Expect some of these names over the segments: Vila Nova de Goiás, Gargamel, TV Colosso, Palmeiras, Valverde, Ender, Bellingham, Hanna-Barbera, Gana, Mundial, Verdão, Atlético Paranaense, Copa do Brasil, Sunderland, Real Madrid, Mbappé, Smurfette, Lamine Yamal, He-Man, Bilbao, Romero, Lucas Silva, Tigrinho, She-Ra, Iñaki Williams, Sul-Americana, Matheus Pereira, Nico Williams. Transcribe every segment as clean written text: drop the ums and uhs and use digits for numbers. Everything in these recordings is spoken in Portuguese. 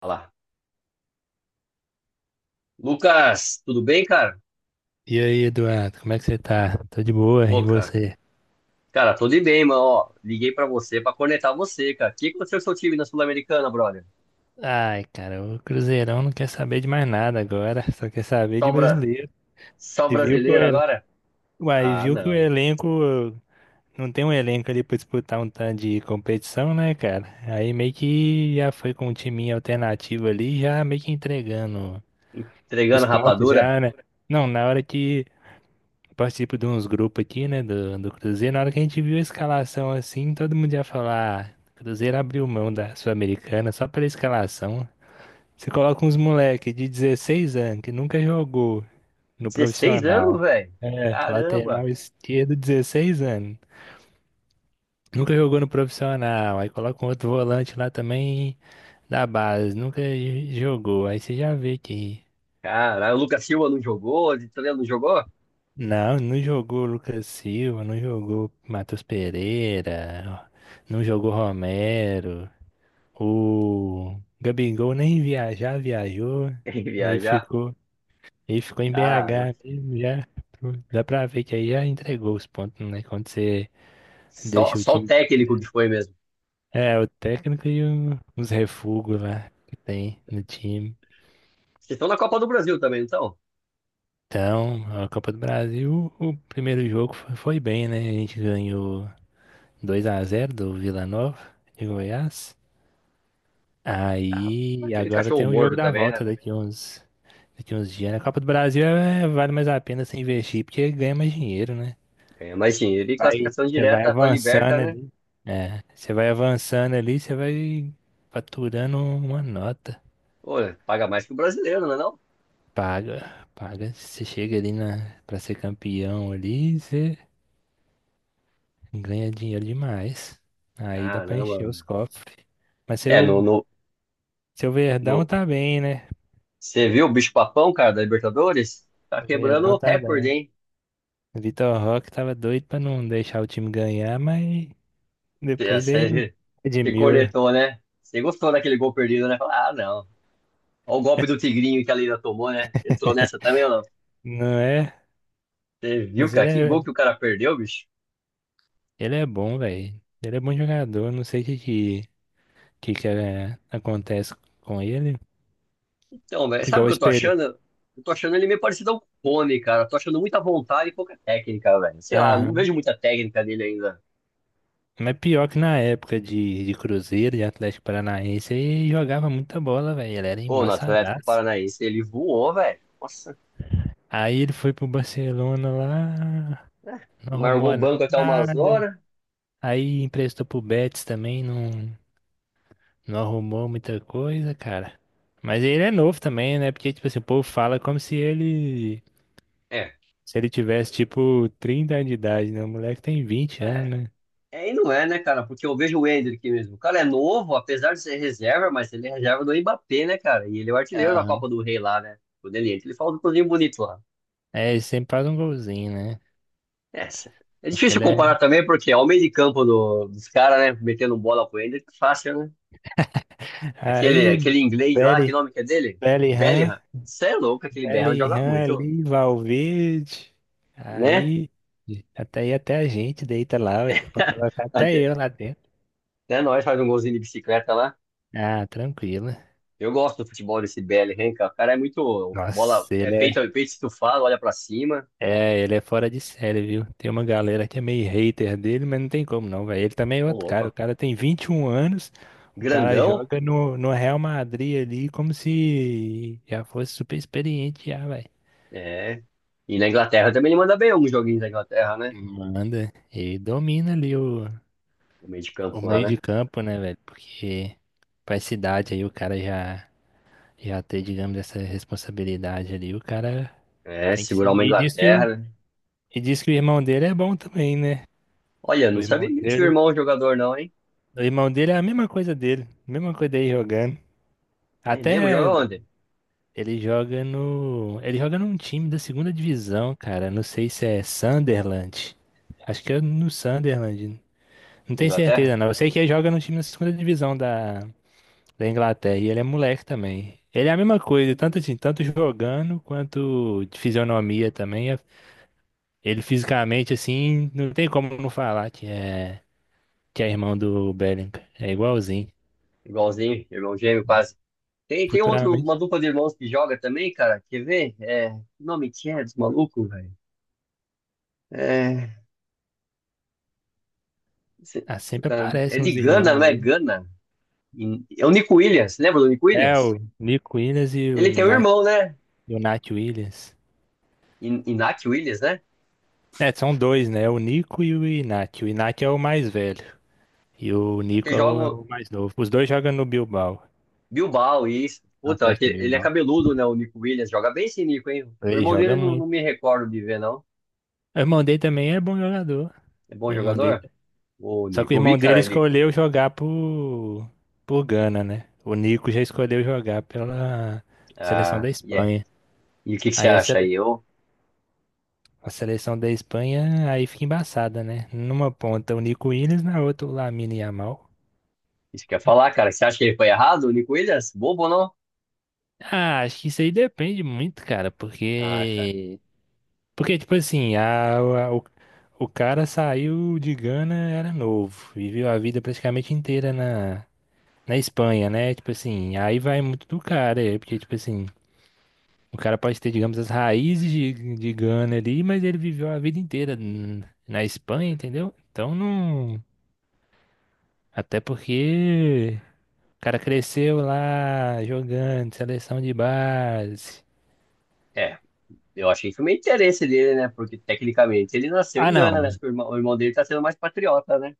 Fala. Lucas, tudo bem, cara? E aí, Eduardo, como é que você tá? Tô de boa, Ô, e cara. você? Cara, tudo bem, mano. Ó, liguei pra você pra conectar você, cara. O que aconteceu com o seu time na Sul-Americana, brother? Ai, cara, o Cruzeirão não quer saber de mais nada agora, só quer saber Só, de o bra... brasileiro. Só o E viu que o, brasileiro ele... agora? e Ah, viu que o não. elenco. Não tem um elenco ali pra disputar um tanto de competição, né, cara? Aí meio que já foi com um timinho alternativo ali, já meio que entregando os Entregando pontos rapadura? já, né? Não, na hora que participo de uns grupos aqui, né, do Cruzeiro. Na hora que a gente viu a escalação assim, todo mundo ia falar: "Ah, Cruzeiro abriu mão da Sul-Americana só pela escalação. Você coloca uns moleque de 16 anos que nunca jogou no 16 anos, profissional. velho. É, Caramba. lateral esquerdo, 16 anos. Nunca jogou no profissional. Aí coloca um outro volante lá também da base. Nunca jogou. Aí você já vê que Caralho, o Lucas Silva não jogou? O Vitória não jogou? não, não jogou Lucas Silva, não jogou Matheus Pereira, não jogou Romero. O Gabigol nem viajar, viajou. Quem Ele viajar? ficou, ele ficou em Caramba. BH mesmo, já. Dá pra ver que aí já entregou os pontos, né? Quando você Só, deixa o só o time. técnico que foi mesmo. É, o técnico e os refugos lá que tem no time. Vocês estão na Copa do Brasil também, não estão? Então, a Copa do Brasil, o primeiro jogo foi bem, né? A gente ganhou 2-0 do Vila Nova de Goiás. Ah, mas Aí teve agora cachorro tem o jogo morto da também, né, volta velho? daqui uns dias. Na Copa do Brasil é, vale mais a pena você investir porque ganha mais dinheiro, né? Ganha mais dinheiro Você e vai, classificação você vai direta pra Liberta, avançando né? ali. É, você vai avançando ali, você vai faturando uma nota. Pô, paga mais que o brasileiro, não é não? Paga, paga. Você chega ali na, pra ser campeão ali, você ganha dinheiro demais. Aí dá pra Caramba, encher os velho. cofres. Mas É, no, seu, no, seu Verdão no... tá bem, né? Você viu o bicho-papão, cara, da Libertadores? Tá O quebrando o Verdão tá recorde, bem. hein? O Vitor Roque tava doido pra não deixar o time ganhar, mas depois ele Você você redimiu, cornetou, né? Você gostou daquele gol perdido, né? Fala. Ah, não. Olha o golpe do Tigrinho que a Leila tomou, né? Entrou nessa também ou não? não é? Você viu, Mas cara? ele Que é, gol que o cara perdeu, bicho? ele é bom, velho. Ele é bom jogador, não sei o que acontece com ele. Então, velho, sabe o Igual o que eu tô espelho. achando? Eu tô achando ele meio parecido ao Cone, cara. Tô achando muita vontade e pouca técnica, velho. Sei lá, não Aham. vejo muita técnica dele ainda. Mas pior que na época de Cruzeiro, de Atlético Paranaense, ele jogava muita bola, velho. Ele era Pô, no Atlético embaçadaço. Paranaense ele voou, velho. Nossa. Aí ele foi pro Barcelona lá, Né? não arrumou Largou o banco até umas nada. horas. Aí emprestou pro Betis também, não arrumou muita coisa, cara. Mas ele é novo também, né? Porque, tipo assim, o povo fala como se ele, É, se ele tivesse, tipo, 30 anos de idade, né? O moleque tem 20 anos, é, né? é e não é, né, cara? Porque eu vejo o Ender aqui mesmo. O cara é novo, apesar de ser reserva, mas ele é reserva do Mbappé, né, cara? E ele é o artilheiro da Aham. Copa do Rei lá, né? Quando ele entra, ele fala um cozinho bonito lá. É, ele sempre faz um golzinho, né? É, é difícil Aquele comparar é... também, porque é o meio de campo dos caras, né? Metendo bola pro Ender, fácil, né? Aquele, Aí, aquele inglês lá, que Belly, nome que é dele? Bellingham, Bellingham. Você é louco, aquele Bellingham joga Bellingham muito, ali, Valverde. né? Aí, até a gente deita lá, ué, pra colocar até Até, eu lá dentro. até nós faz um golzinho de bicicleta lá. Ah, tranquilo. Eu gosto do futebol desse BL, hein, cara. O cara é muito. Bola, Nossa, é ele peito é. peito estufado, olha pra cima. É, ele é fora de série, viu? Tem uma galera que é meio hater dele, mas não tem como não, velho. Ele também é Ô, outro cara. O louco. cara tem 21 anos, o cara Grandão? joga no Real Madrid ali como se já fosse super experiente já, velho. É. E na Inglaterra também ele manda bem alguns joguinhos da Inglaterra, né? Manda. E domina ali O meio de o campo lá, meio de né? campo, né, velho? Porque pra essa idade aí o cara já, já ter, digamos, essa responsabilidade ali, o cara É, tem que ser. segurar uma E diz que Inglaterra, o, né? e diz que o irmão dele é bom também, né? Olha, O não sabia irmão que ele tinha um dele. irmão jogador, não, hein? O irmão dele é a mesma coisa dele jogando. É mesmo? Joga Até onde? ele joga no. Ele joga num time da segunda divisão, cara. Não sei se é Sunderland. Acho que é no Sunderland. Não Na tenho Inglaterra? certeza, não. Eu sei que ele joga no time da segunda divisão da Inglaterra. E ele é moleque também. Ele é a mesma coisa, tanto assim, tanto jogando quanto de fisionomia também. Ele fisicamente, assim, não tem como não falar que é irmão do Bellingham. É igualzinho. Igualzinho, irmão gêmeo, quase. Tem outro, uma Futuramente. dupla de irmãos que joga também, cara. Quer ver? É. Que nome que é dos malucos, velho? É. se- Ah, sempre puta, é aparecem de uns Gana, não irmãos é aí. Gana? É o Nico Williams, lembra do Nico É, Williams? o Nico Williams e o Ele tem um Nat, irmão, né? e o Nat Williams. Iñaki Williams, né? É, são dois, né? O Nico e o Inácio. O Inácio é o mais velho. E o Que Nico é o, é joga o mais novo. Os dois jogam no Bilbao, Bilbao e isso. no Puta, Atlético de ele é Bilbao. cabeludo, né? O Nico Williams joga bem esse Nico, hein? O Ele irmão dele joga não, não muito. me recordo de ver, não. O irmão dele também é bom jogador. É O bom irmão dele. jogador? O Só que Nico, o eu vi, irmão dele cara, ele. escolheu jogar por Gana, né? O Nico já escolheu jogar pela seleção da Ah, yeah. Espanha. E o que que você Aí a acha sele- aí? Eu, A seleção da Espanha aí fica embaçada, né? Numa ponta o Nico Williams, na outra o Lamine Yamal. isso que eu ia falar, cara. Você acha que ele foi errado, o Nico Williams? Bobo, ou não? Ah, acho que isso aí depende muito, cara, Ah, cara. porque. Porque, tipo assim, o cara saiu de Gana, era novo, viveu a vida praticamente inteira na Espanha, né? Tipo assim, aí vai muito do cara, é, porque, tipo assim, o cara pode ter, digamos, as raízes de Gana ali, mas ele viveu a vida inteira na Espanha, entendeu? Então não. Até porque. O cara cresceu lá jogando, seleção de base. É, eu, achei que foi meio interesse dele, né? Porque tecnicamente ele nasceu Ah, em Gana, né? não. Acho que o irmão dele tá sendo mais patriota, né?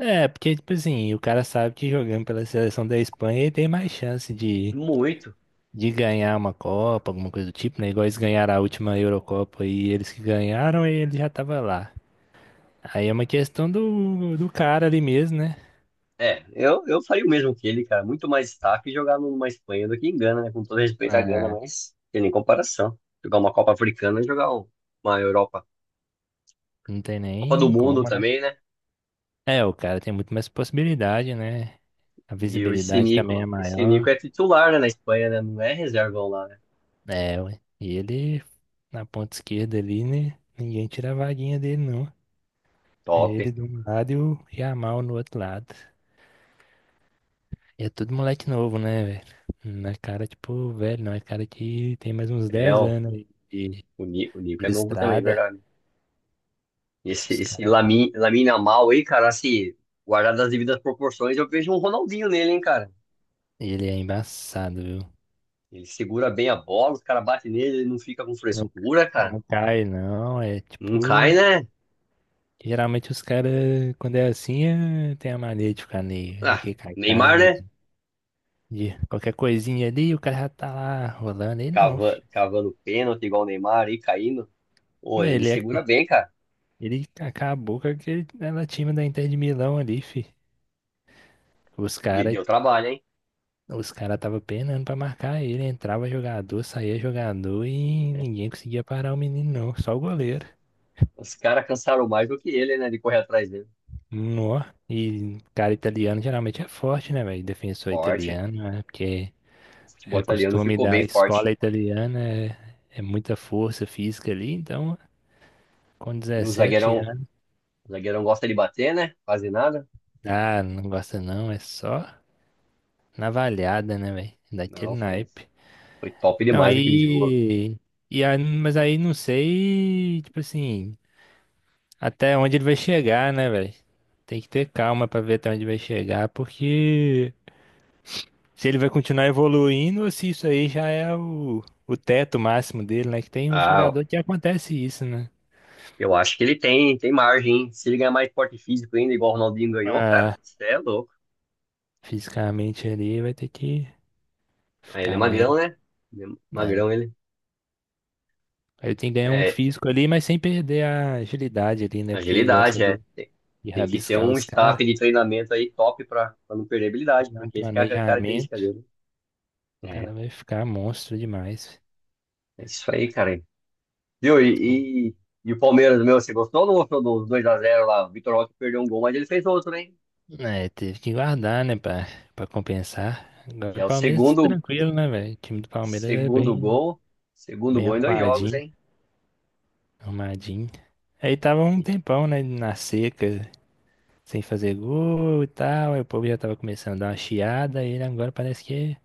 É, porque, tipo assim, o cara sabe que jogando pela seleção da Espanha ele tem mais chance Muito. de ganhar uma Copa, alguma coisa do tipo, né? Igual eles ganharam a última Eurocopa e eles que ganharam, ele já tava lá. Aí é uma questão do cara ali mesmo, né? É, eu faria o mesmo que ele, cara. Muito mais destaque jogar numa Espanha do que em Gana, né? Com todo respeito à Gana, É. mas tem nem comparação. Jogar uma Copa Africana e jogar uma Europa. Não tem Copa do nem Mundo como, né? também, né? É, o cara tem muito mais possibilidade, né? A E o esse visibilidade também Nico, é esse Nico maior. é titular, né, na Espanha, né? Não é reservão lá, né? É, ué. E ele, na ponta esquerda ali, né? Ninguém tira a vaguinha dele, não. É Top. ele de um lado e o Yamal no outro lado. E é tudo moleque novo, né, velho? Não é cara, tipo, velho, não. É cara que tem mais uns É, 10 ó, anos aí de, o Nico é de novo também, é estrada. verdade. Esse, Os esse cara, Lamine Yamal aí, cara, assim, guardado as devidas proporções, eu vejo um Ronaldinho nele, hein, cara. ele é embaçado, viu? Ele segura bem a bola, os caras batem nele, ele não fica com Não, frescura, cara. não cai, não. É Não cai, tipo. né? Geralmente os caras, quando é assim, tem a mania de ficar Ah, naquele cai-cai, Neymar, né? né? De qualquer coisinha ali, o cara já tá lá rolando. Ele não, Cava, filho. cavando pênalti igual o Neymar aí caindo. Pô, Mas ele Ele, segura é- bem, cara. ele acabou com aquele ela time da Inter de Milão ali, fi. Os caras Deu trabalho, hein? os cara tava penando pra marcar ele. Entrava jogador, saía jogador e É. ninguém conseguia parar o menino, não. Só o goleiro. Os caras cansaram mais do que ele, né? De correr atrás dele. Nó. E cara italiano geralmente é forte, né, velho? Defensor Forte. italiano, né? Porque O é futebol italiano costume ficou bem da forte. escola italiana, é, é muita força física ali. Então, com E o 17 zagueirão, anos, o zagueirão gosta de bater, né? Quase nada. ah, não gosta não, é só navalhada, né, velho? Daquele Não, foi, naipe. foi top Não, demais aquele jogo. aí. E aí, mas aí não sei, tipo assim, até onde ele vai chegar, né, velho? Tem que ter calma pra ver até onde vai chegar, porque se ele vai continuar evoluindo ou se isso aí já é o teto máximo dele, né? Que tem uns Ah, jogadores que acontece isso, né? eu acho que ele tem margem, hein? Se ele ganhar mais porte físico ainda, igual o Ronaldinho ganhou, cara, Ah, você é louco. fisicamente ali vai ter que Ah, ele é ficar mais, magrão, né? Ele é né? magrão, ele. Aí tem que ganhar um É, físico ali, mas sem perder a agilidade ali, né? Porque ele gosta agilidade, é. Tem, de tem que ter rabiscar um os caras, staff de treinamento aí top pra, não perder habilidade, fazer um porque essa que é a característica planejamento. dele. O É, cara vai ficar monstro demais. é isso aí, cara. Viu? E o Palmeiras, meu, você gostou ou não gostou dos 2x0 lá? O Vitor Roque perdeu um gol, mas ele fez outro, hein? É, teve que guardar, né, pra compensar. Agora Já o é o Palmeiras tá segundo, tranquilo, né, velho? O time do Palmeiras é segundo bem, gol. Segundo bem gol em dois jogos, arrumadinho, hein? arrumadinho. Aí tava um E- tempão, né, na seca, sem fazer gol e tal. Aí o povo já tava começando a dar uma chiada. E ele agora parece que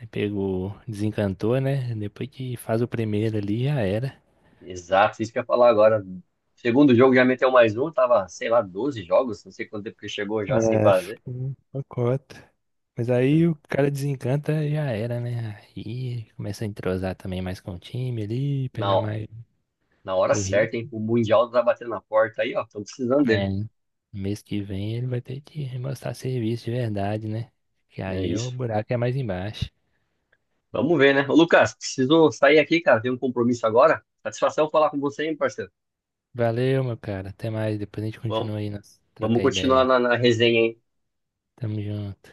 aí pegou, desencantou, né? Depois que faz o primeiro ali, já era. Exato, isso que eu ia falar agora. Segundo jogo já meteu mais um, tava, sei lá, 12 jogos, não sei quanto tempo que chegou já sem É, fazer. foi uma cota. Mas aí o cara desencanta e já era, né? Aí começa a entrosar também mais com o time ali, pegar Não, mais na hora o ritmo. certa, hein? O Mundial tá batendo na porta aí, ó. Estão precisando É, dele. mês que vem ele vai ter que mostrar serviço de verdade, né? Que É aí é o isso. buraco é mais embaixo. Vamos ver, né? Ô, Lucas, preciso sair aqui, cara. Tenho um compromisso agora. Satisfação falar com você, hein, parceiro? Valeu, meu cara. Até mais. Depois a gente Vamos, continua aí, nós vamos trocar ideia. continuar Aí. na resenha, hein? Tamo junto.